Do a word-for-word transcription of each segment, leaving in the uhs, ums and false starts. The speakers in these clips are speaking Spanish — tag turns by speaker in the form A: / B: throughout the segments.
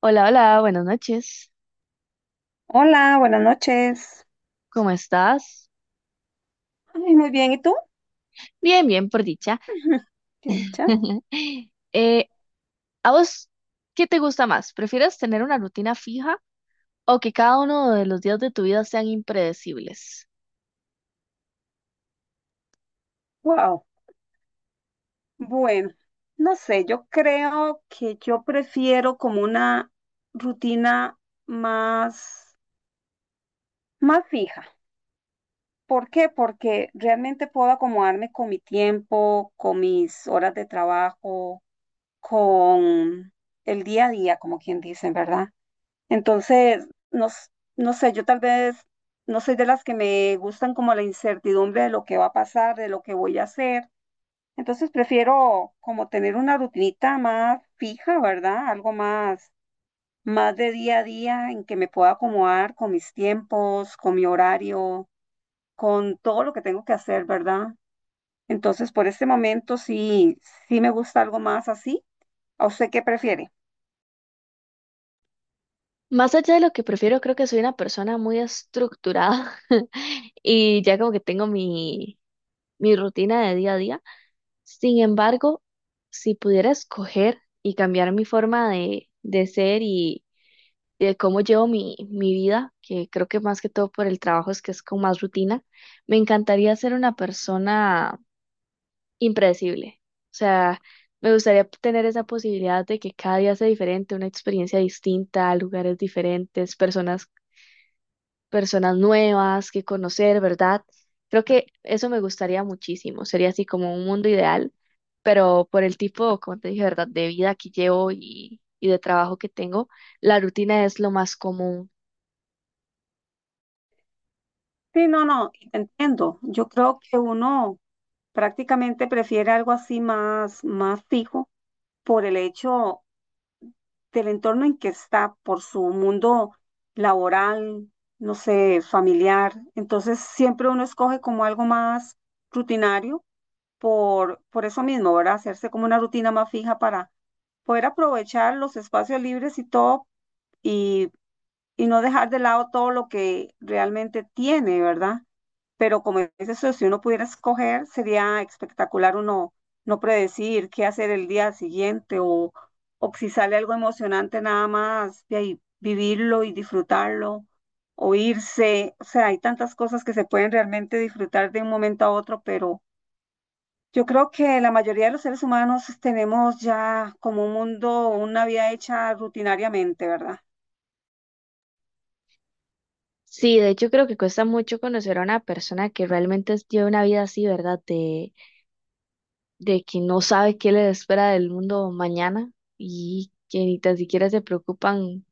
A: Hola, hola, buenas noches.
B: Hola, buenas noches.
A: ¿Cómo estás?
B: Ay, muy bien, ¿y tú?
A: Bien, bien, por dicha.
B: ¿Qué dicha?
A: Eh, ¿a vos qué te gusta más? ¿Prefieres tener una rutina fija o que cada uno de los días de tu vida sean impredecibles?
B: Wow. Bueno, no sé, yo creo que yo prefiero como una rutina más, más fija. ¿Por qué? Porque realmente puedo acomodarme con mi tiempo, con mis horas de trabajo, con el día a día, como quien dice, ¿verdad? Entonces, no, s- no sé, yo tal vez no soy de las que me gustan como la incertidumbre de lo que va a pasar, de lo que voy a hacer. Entonces prefiero como tener una rutinita más fija, ¿verdad? Algo más, más de día a día en que me pueda acomodar con mis tiempos, con mi horario, con todo lo que tengo que hacer, ¿verdad? Entonces, por este momento sí, sí me gusta algo más así. ¿A usted qué prefiere?
A: Más allá de lo que prefiero, creo que soy una persona muy estructurada y ya como que tengo mi, mi rutina de día a día. Sin embargo, si pudiera escoger y cambiar mi forma de, de ser y de cómo llevo mi, mi vida, que creo que más que todo por el trabajo es que es con más rutina, me encantaría ser una persona impredecible. O sea, me gustaría tener esa posibilidad de que cada día sea diferente, una experiencia distinta, lugares diferentes, personas, personas nuevas que conocer, ¿verdad? Creo que eso me gustaría muchísimo. Sería así como un mundo ideal, pero por el tipo, como te dije, ¿verdad? De vida que llevo y, y de trabajo que tengo, la rutina es lo más común.
B: Sí, no, no, y te entiendo. Yo creo que uno prácticamente prefiere algo así más, más fijo por el hecho del entorno en que está, por su mundo laboral, no sé, familiar. Entonces siempre uno escoge como algo más rutinario por, por eso mismo, ¿verdad? Hacerse como una rutina más fija para poder aprovechar los espacios libres y todo, y y no dejar de lado todo lo que realmente tiene, ¿verdad? Pero como dice eso, si uno pudiera escoger, sería espectacular uno no predecir qué hacer el día siguiente o, o si sale algo emocionante nada más de ahí vivirlo y disfrutarlo o irse. O sea, hay tantas cosas que se pueden realmente disfrutar de un momento a otro, pero yo creo que la mayoría de los seres humanos tenemos ya como un mundo, una vida hecha rutinariamente, ¿verdad?
A: Sí, de hecho creo que cuesta mucho conocer a una persona que realmente es- lleva una vida así, ¿verdad? De, de que no sabe qué le espera del mundo mañana y que ni tan siquiera se preocupan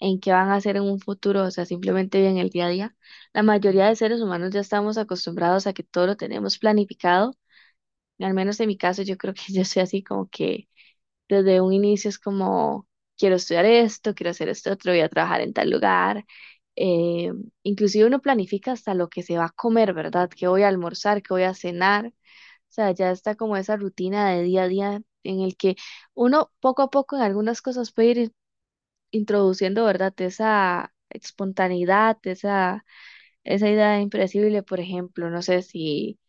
A: en qué van a hacer en un futuro, o sea, simplemente viven el día a día. La mayoría de seres humanos ya estamos acostumbrados a que todo lo tenemos planificado. Al menos en mi caso, yo creo que yo soy así como que desde un inicio es como, quiero estudiar esto, quiero hacer esto otro, voy a trabajar en tal lugar. Eh, Inclusive uno planifica hasta lo que se va a comer, ¿verdad? ¿Qué voy a almorzar? ¿Qué voy a cenar? O sea, ya está como esa rutina de día a día en el que uno poco a poco en algunas cosas puede ir in- introduciendo, ¿verdad? Esa espontaneidad, esa, esa idea impredecible, por ejemplo, no sé si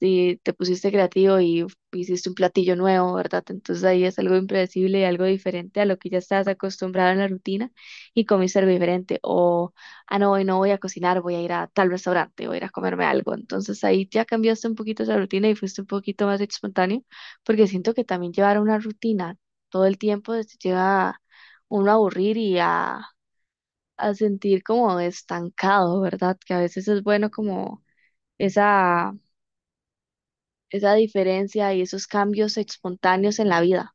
A: si te pusiste creativo y hiciste un platillo nuevo, ¿verdad? Entonces ahí es algo impredecible y algo diferente a lo que ya estás acostumbrado en la rutina y comiste algo diferente. O, ah, no, hoy no voy a cocinar, voy a ir a tal restaurante, voy a ir a comerme algo. Entonces ahí ya cambiaste un poquito esa rutina y fuiste un poquito más espontáneo, porque siento que también llevar una rutina todo el tiempo te lleva uno a aburrir y a, a sentir como estancado, ¿verdad? Que a veces es bueno como esa esa diferencia y esos cambios espontáneos en la vida.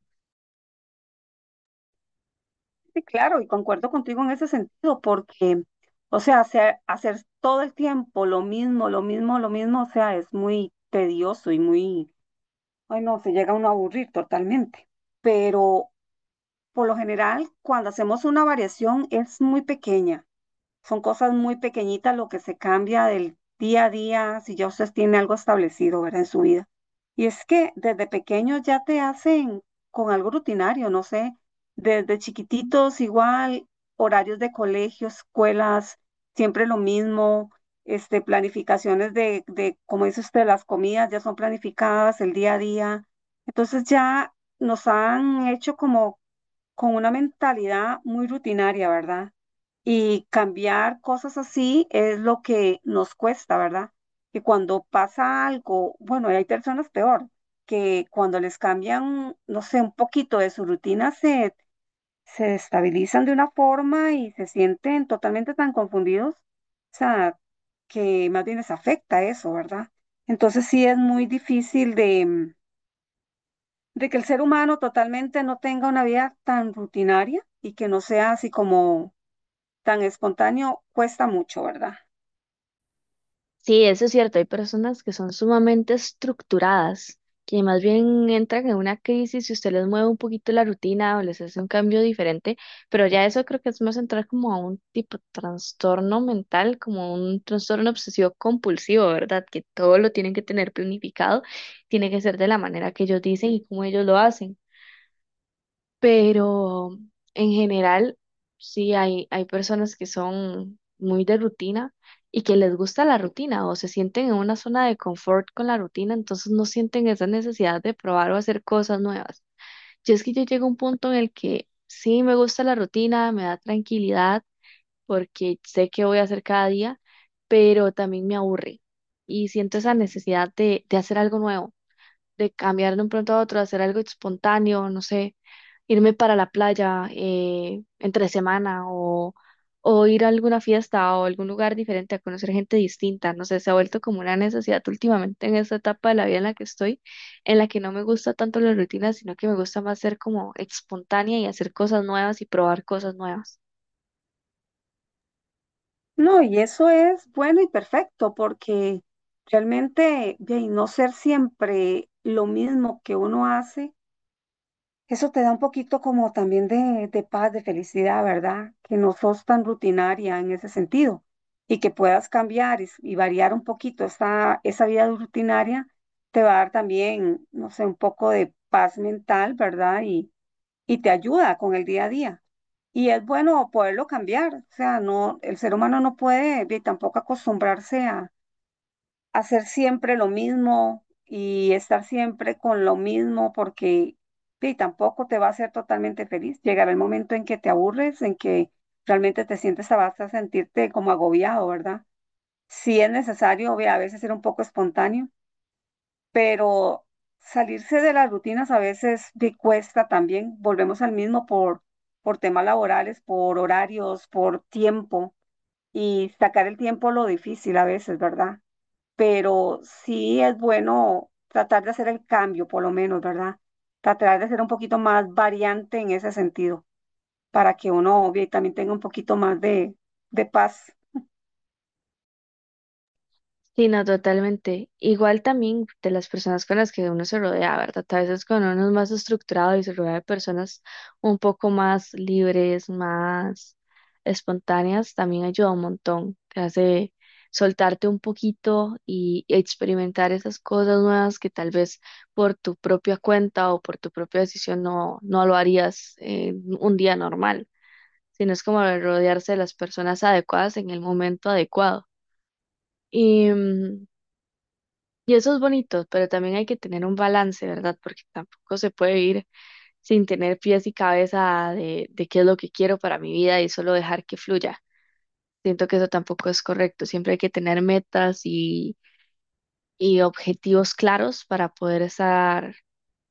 B: Sí, claro, y concuerdo contigo en ese sentido, porque, o sea, hacer, hacer todo el tiempo lo mismo, lo mismo, lo mismo, o sea, es muy tedioso y muy, ay no, se llega uno a aburrir totalmente. Pero por lo general, cuando hacemos una variación es muy pequeña. Son cosas muy pequeñitas lo que se cambia del día a día, si ya usted tiene algo establecido, ¿verdad? En su vida. Y es que desde pequeños ya te hacen con algo rutinario, no sé, desde chiquititos igual, horarios de colegio, escuelas, siempre lo mismo, este, planificaciones de, de, como dice usted, las comidas ya son planificadas, el día a día. Entonces ya nos han hecho como con una mentalidad muy rutinaria, ¿verdad? Y cambiar cosas así es lo que nos cuesta, ¿verdad? Que cuando pasa algo, bueno, y hay personas peor, que cuando les cambian, no sé, un poquito de su rutina, se, se destabilizan de una forma y se sienten totalmente tan confundidos, o sea, que más bien les afecta eso, ¿verdad? Entonces sí es muy difícil de, mm, de que el ser humano totalmente no tenga una vida tan rutinaria y que no sea así como tan espontáneo cuesta mucho, ¿verdad?
A: Sí, eso es cierto, hay personas que son sumamente estructuradas, que más bien entran en una crisis si usted les mueve un poquito la rutina o les hace un cambio diferente, pero ya eso creo que es más entrar como a un tipo de trastorno mental, como un trastorno obsesivo compulsivo, ¿verdad? Que todo lo tienen que tener planificado, tiene que ser de la manera que ellos dicen y como ellos lo hacen. Pero en general sí hay, hay personas que son muy de rutina y que les gusta la rutina o se sienten en una zona de confort con la rutina, entonces no sienten esa necesidad de probar o hacer cosas nuevas. Yo es que yo llego a un punto en el que sí me gusta la rutina, me da tranquilidad porque sé qué voy a hacer cada día, pero también me aburre y siento esa necesidad de, de hacer algo nuevo de cambiar de un pronto a otro, hacer algo espontáneo, no sé, irme para la playa eh, entre semana o, o ir a alguna fiesta o algún lugar diferente a conocer gente distinta, no sé, se ha vuelto como una necesidad últimamente en esta etapa de la vida en la que estoy, en la que no me gusta tanto la rutina, sino que me gusta más ser como espontánea y hacer cosas nuevas y probar cosas nuevas.
B: No, y eso es bueno y perfecto porque realmente de ahí, no ser siempre lo mismo que uno hace, eso te da un poquito como también de, de paz, de felicidad, ¿verdad? Que no sos tan rutinaria en ese sentido y que puedas cambiar y, s- y variar un poquito esa, esa vida rutinaria, te va a dar también, no sé, un poco de paz mental, ¿verdad? Y, y te ayuda con el día a día. Y es bueno poderlo cambiar, o sea, no, el ser humano no puede vi, tampoco acostumbrarse a hacer siempre lo mismo y estar siempre con lo mismo porque vi, tampoco te va a hacer totalmente feliz. Llegará el momento en que te aburres, en que realmente te sientes, te vas a sentirte como agobiado, ¿verdad? Si es necesario, vi, a veces ser un poco espontáneo pero salirse de las rutinas a veces te cuesta también. Volvemos al mismo por, por temas laborales, por horarios, por tiempo y sacar el tiempo lo difícil a veces, ¿verdad? Pero sí es bueno tratar de hacer el cambio, por lo menos, ¿verdad? Tratar de ser un poquito más variante en ese sentido, para que uno obvio, y también tenga un poquito más de, de paz
A: Sí, no, totalmente. Igual también de las personas con las que uno se rodea, ¿verdad? A veces cuando uno es más estructurado y se rodea de personas un poco más libres, más espontáneas, también ayuda un montón. Te hace soltarte un poquito y experimentar esas cosas nuevas que tal vez por tu propia cuenta o por tu propia decisión no, no lo harías en un día normal, sino es como rodearse de las personas adecuadas en el momento adecuado. Y eso es bonito, pero también hay que tener un balance, ¿verdad? Porque tampoco se puede ir sin tener pies y cabeza de, de qué es lo que quiero para mi vida y solo dejar que fluya. Siento que eso tampoco es correcto. Siempre hay que tener metas y, y objetivos claros para poder estar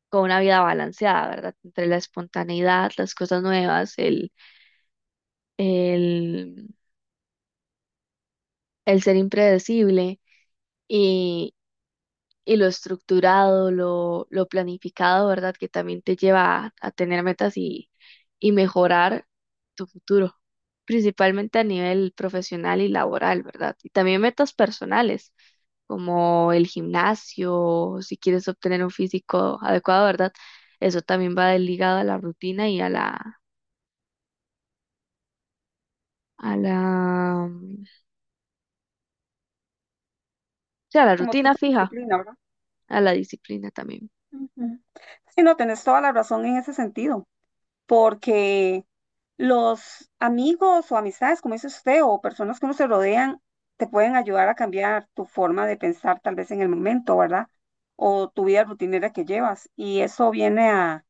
A: con una vida balanceada, ¿verdad? Entre la espontaneidad, las cosas nuevas, el, el, el ser impredecible y lo estructurado, lo, lo planificado, ¿verdad? Que también te lleva a, a tener metas y, y mejorar tu futuro, principalmente a nivel profesional y laboral, ¿verdad? Y también metas personales, como el gimnasio, si quieres obtener un físico adecuado, ¿verdad? Eso también va ligado a la rutina y a la, a la, sí, a la
B: como
A: rutina
B: tipo de
A: fija,
B: disciplina, ¿verdad?
A: a la disciplina también.
B: Ujú. Sí, no, tenés toda la razón en ese sentido. Porque los amigos o amistades, como dice usted, o personas que uno se rodean, te pueden ayudar a cambiar tu forma de pensar tal vez en el momento, ¿verdad? O tu vida rutinera que llevas. Y eso viene a,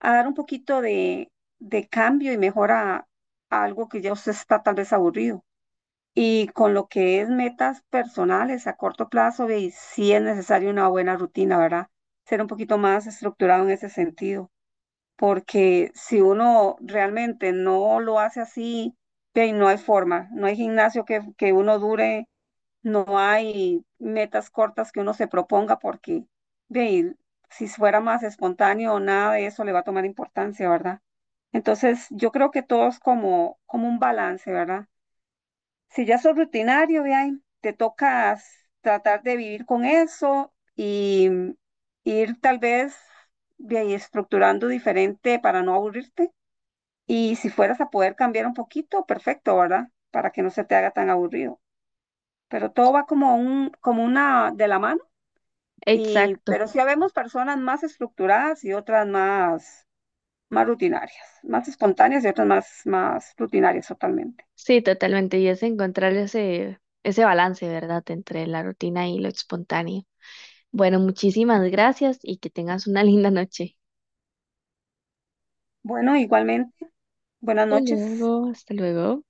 B: a dar un poquito de, de cambio y mejora a algo que ya usted está tal vez aburrido. Y con lo que es metas personales a corto plazo, ve, sí es necesaria una buena rutina, ¿verdad? Ser un poquito más estructurado en ese sentido porque si uno realmente no lo hace así, ve, no hay forma, no hay gimnasio que, que uno dure, no hay metas cortas que uno se proponga porque, ve, si fuera más espontáneo, nada de eso le va a tomar importancia, ¿verdad? Entonces, yo creo que todo es como, como un balance, ¿verdad? Si ya sos rutinario, ve, ahí, te tocas tratar de vivir con eso y ir tal vez ve ahí estructurando diferente para no aburrirte. Y si fueras a poder cambiar un poquito, perfecto, ¿verdad? Para que no se te haga tan aburrido. Pero todo va como un, como una de la mano. Y,
A: Exacto.
B: pero sí habemos personas más estructuradas y otras más, más rutinarias, más espontáneas y otras más, más rutinarias totalmente.
A: Sí, totalmente. Y es encontrar ese, ese balance, ¿verdad?, entre la rutina y lo espontáneo. Bueno, muchísimas gracias y que tengas una linda noche.
B: Bueno, igualmente, buenas
A: Hasta
B: noches.
A: luego, hasta luego.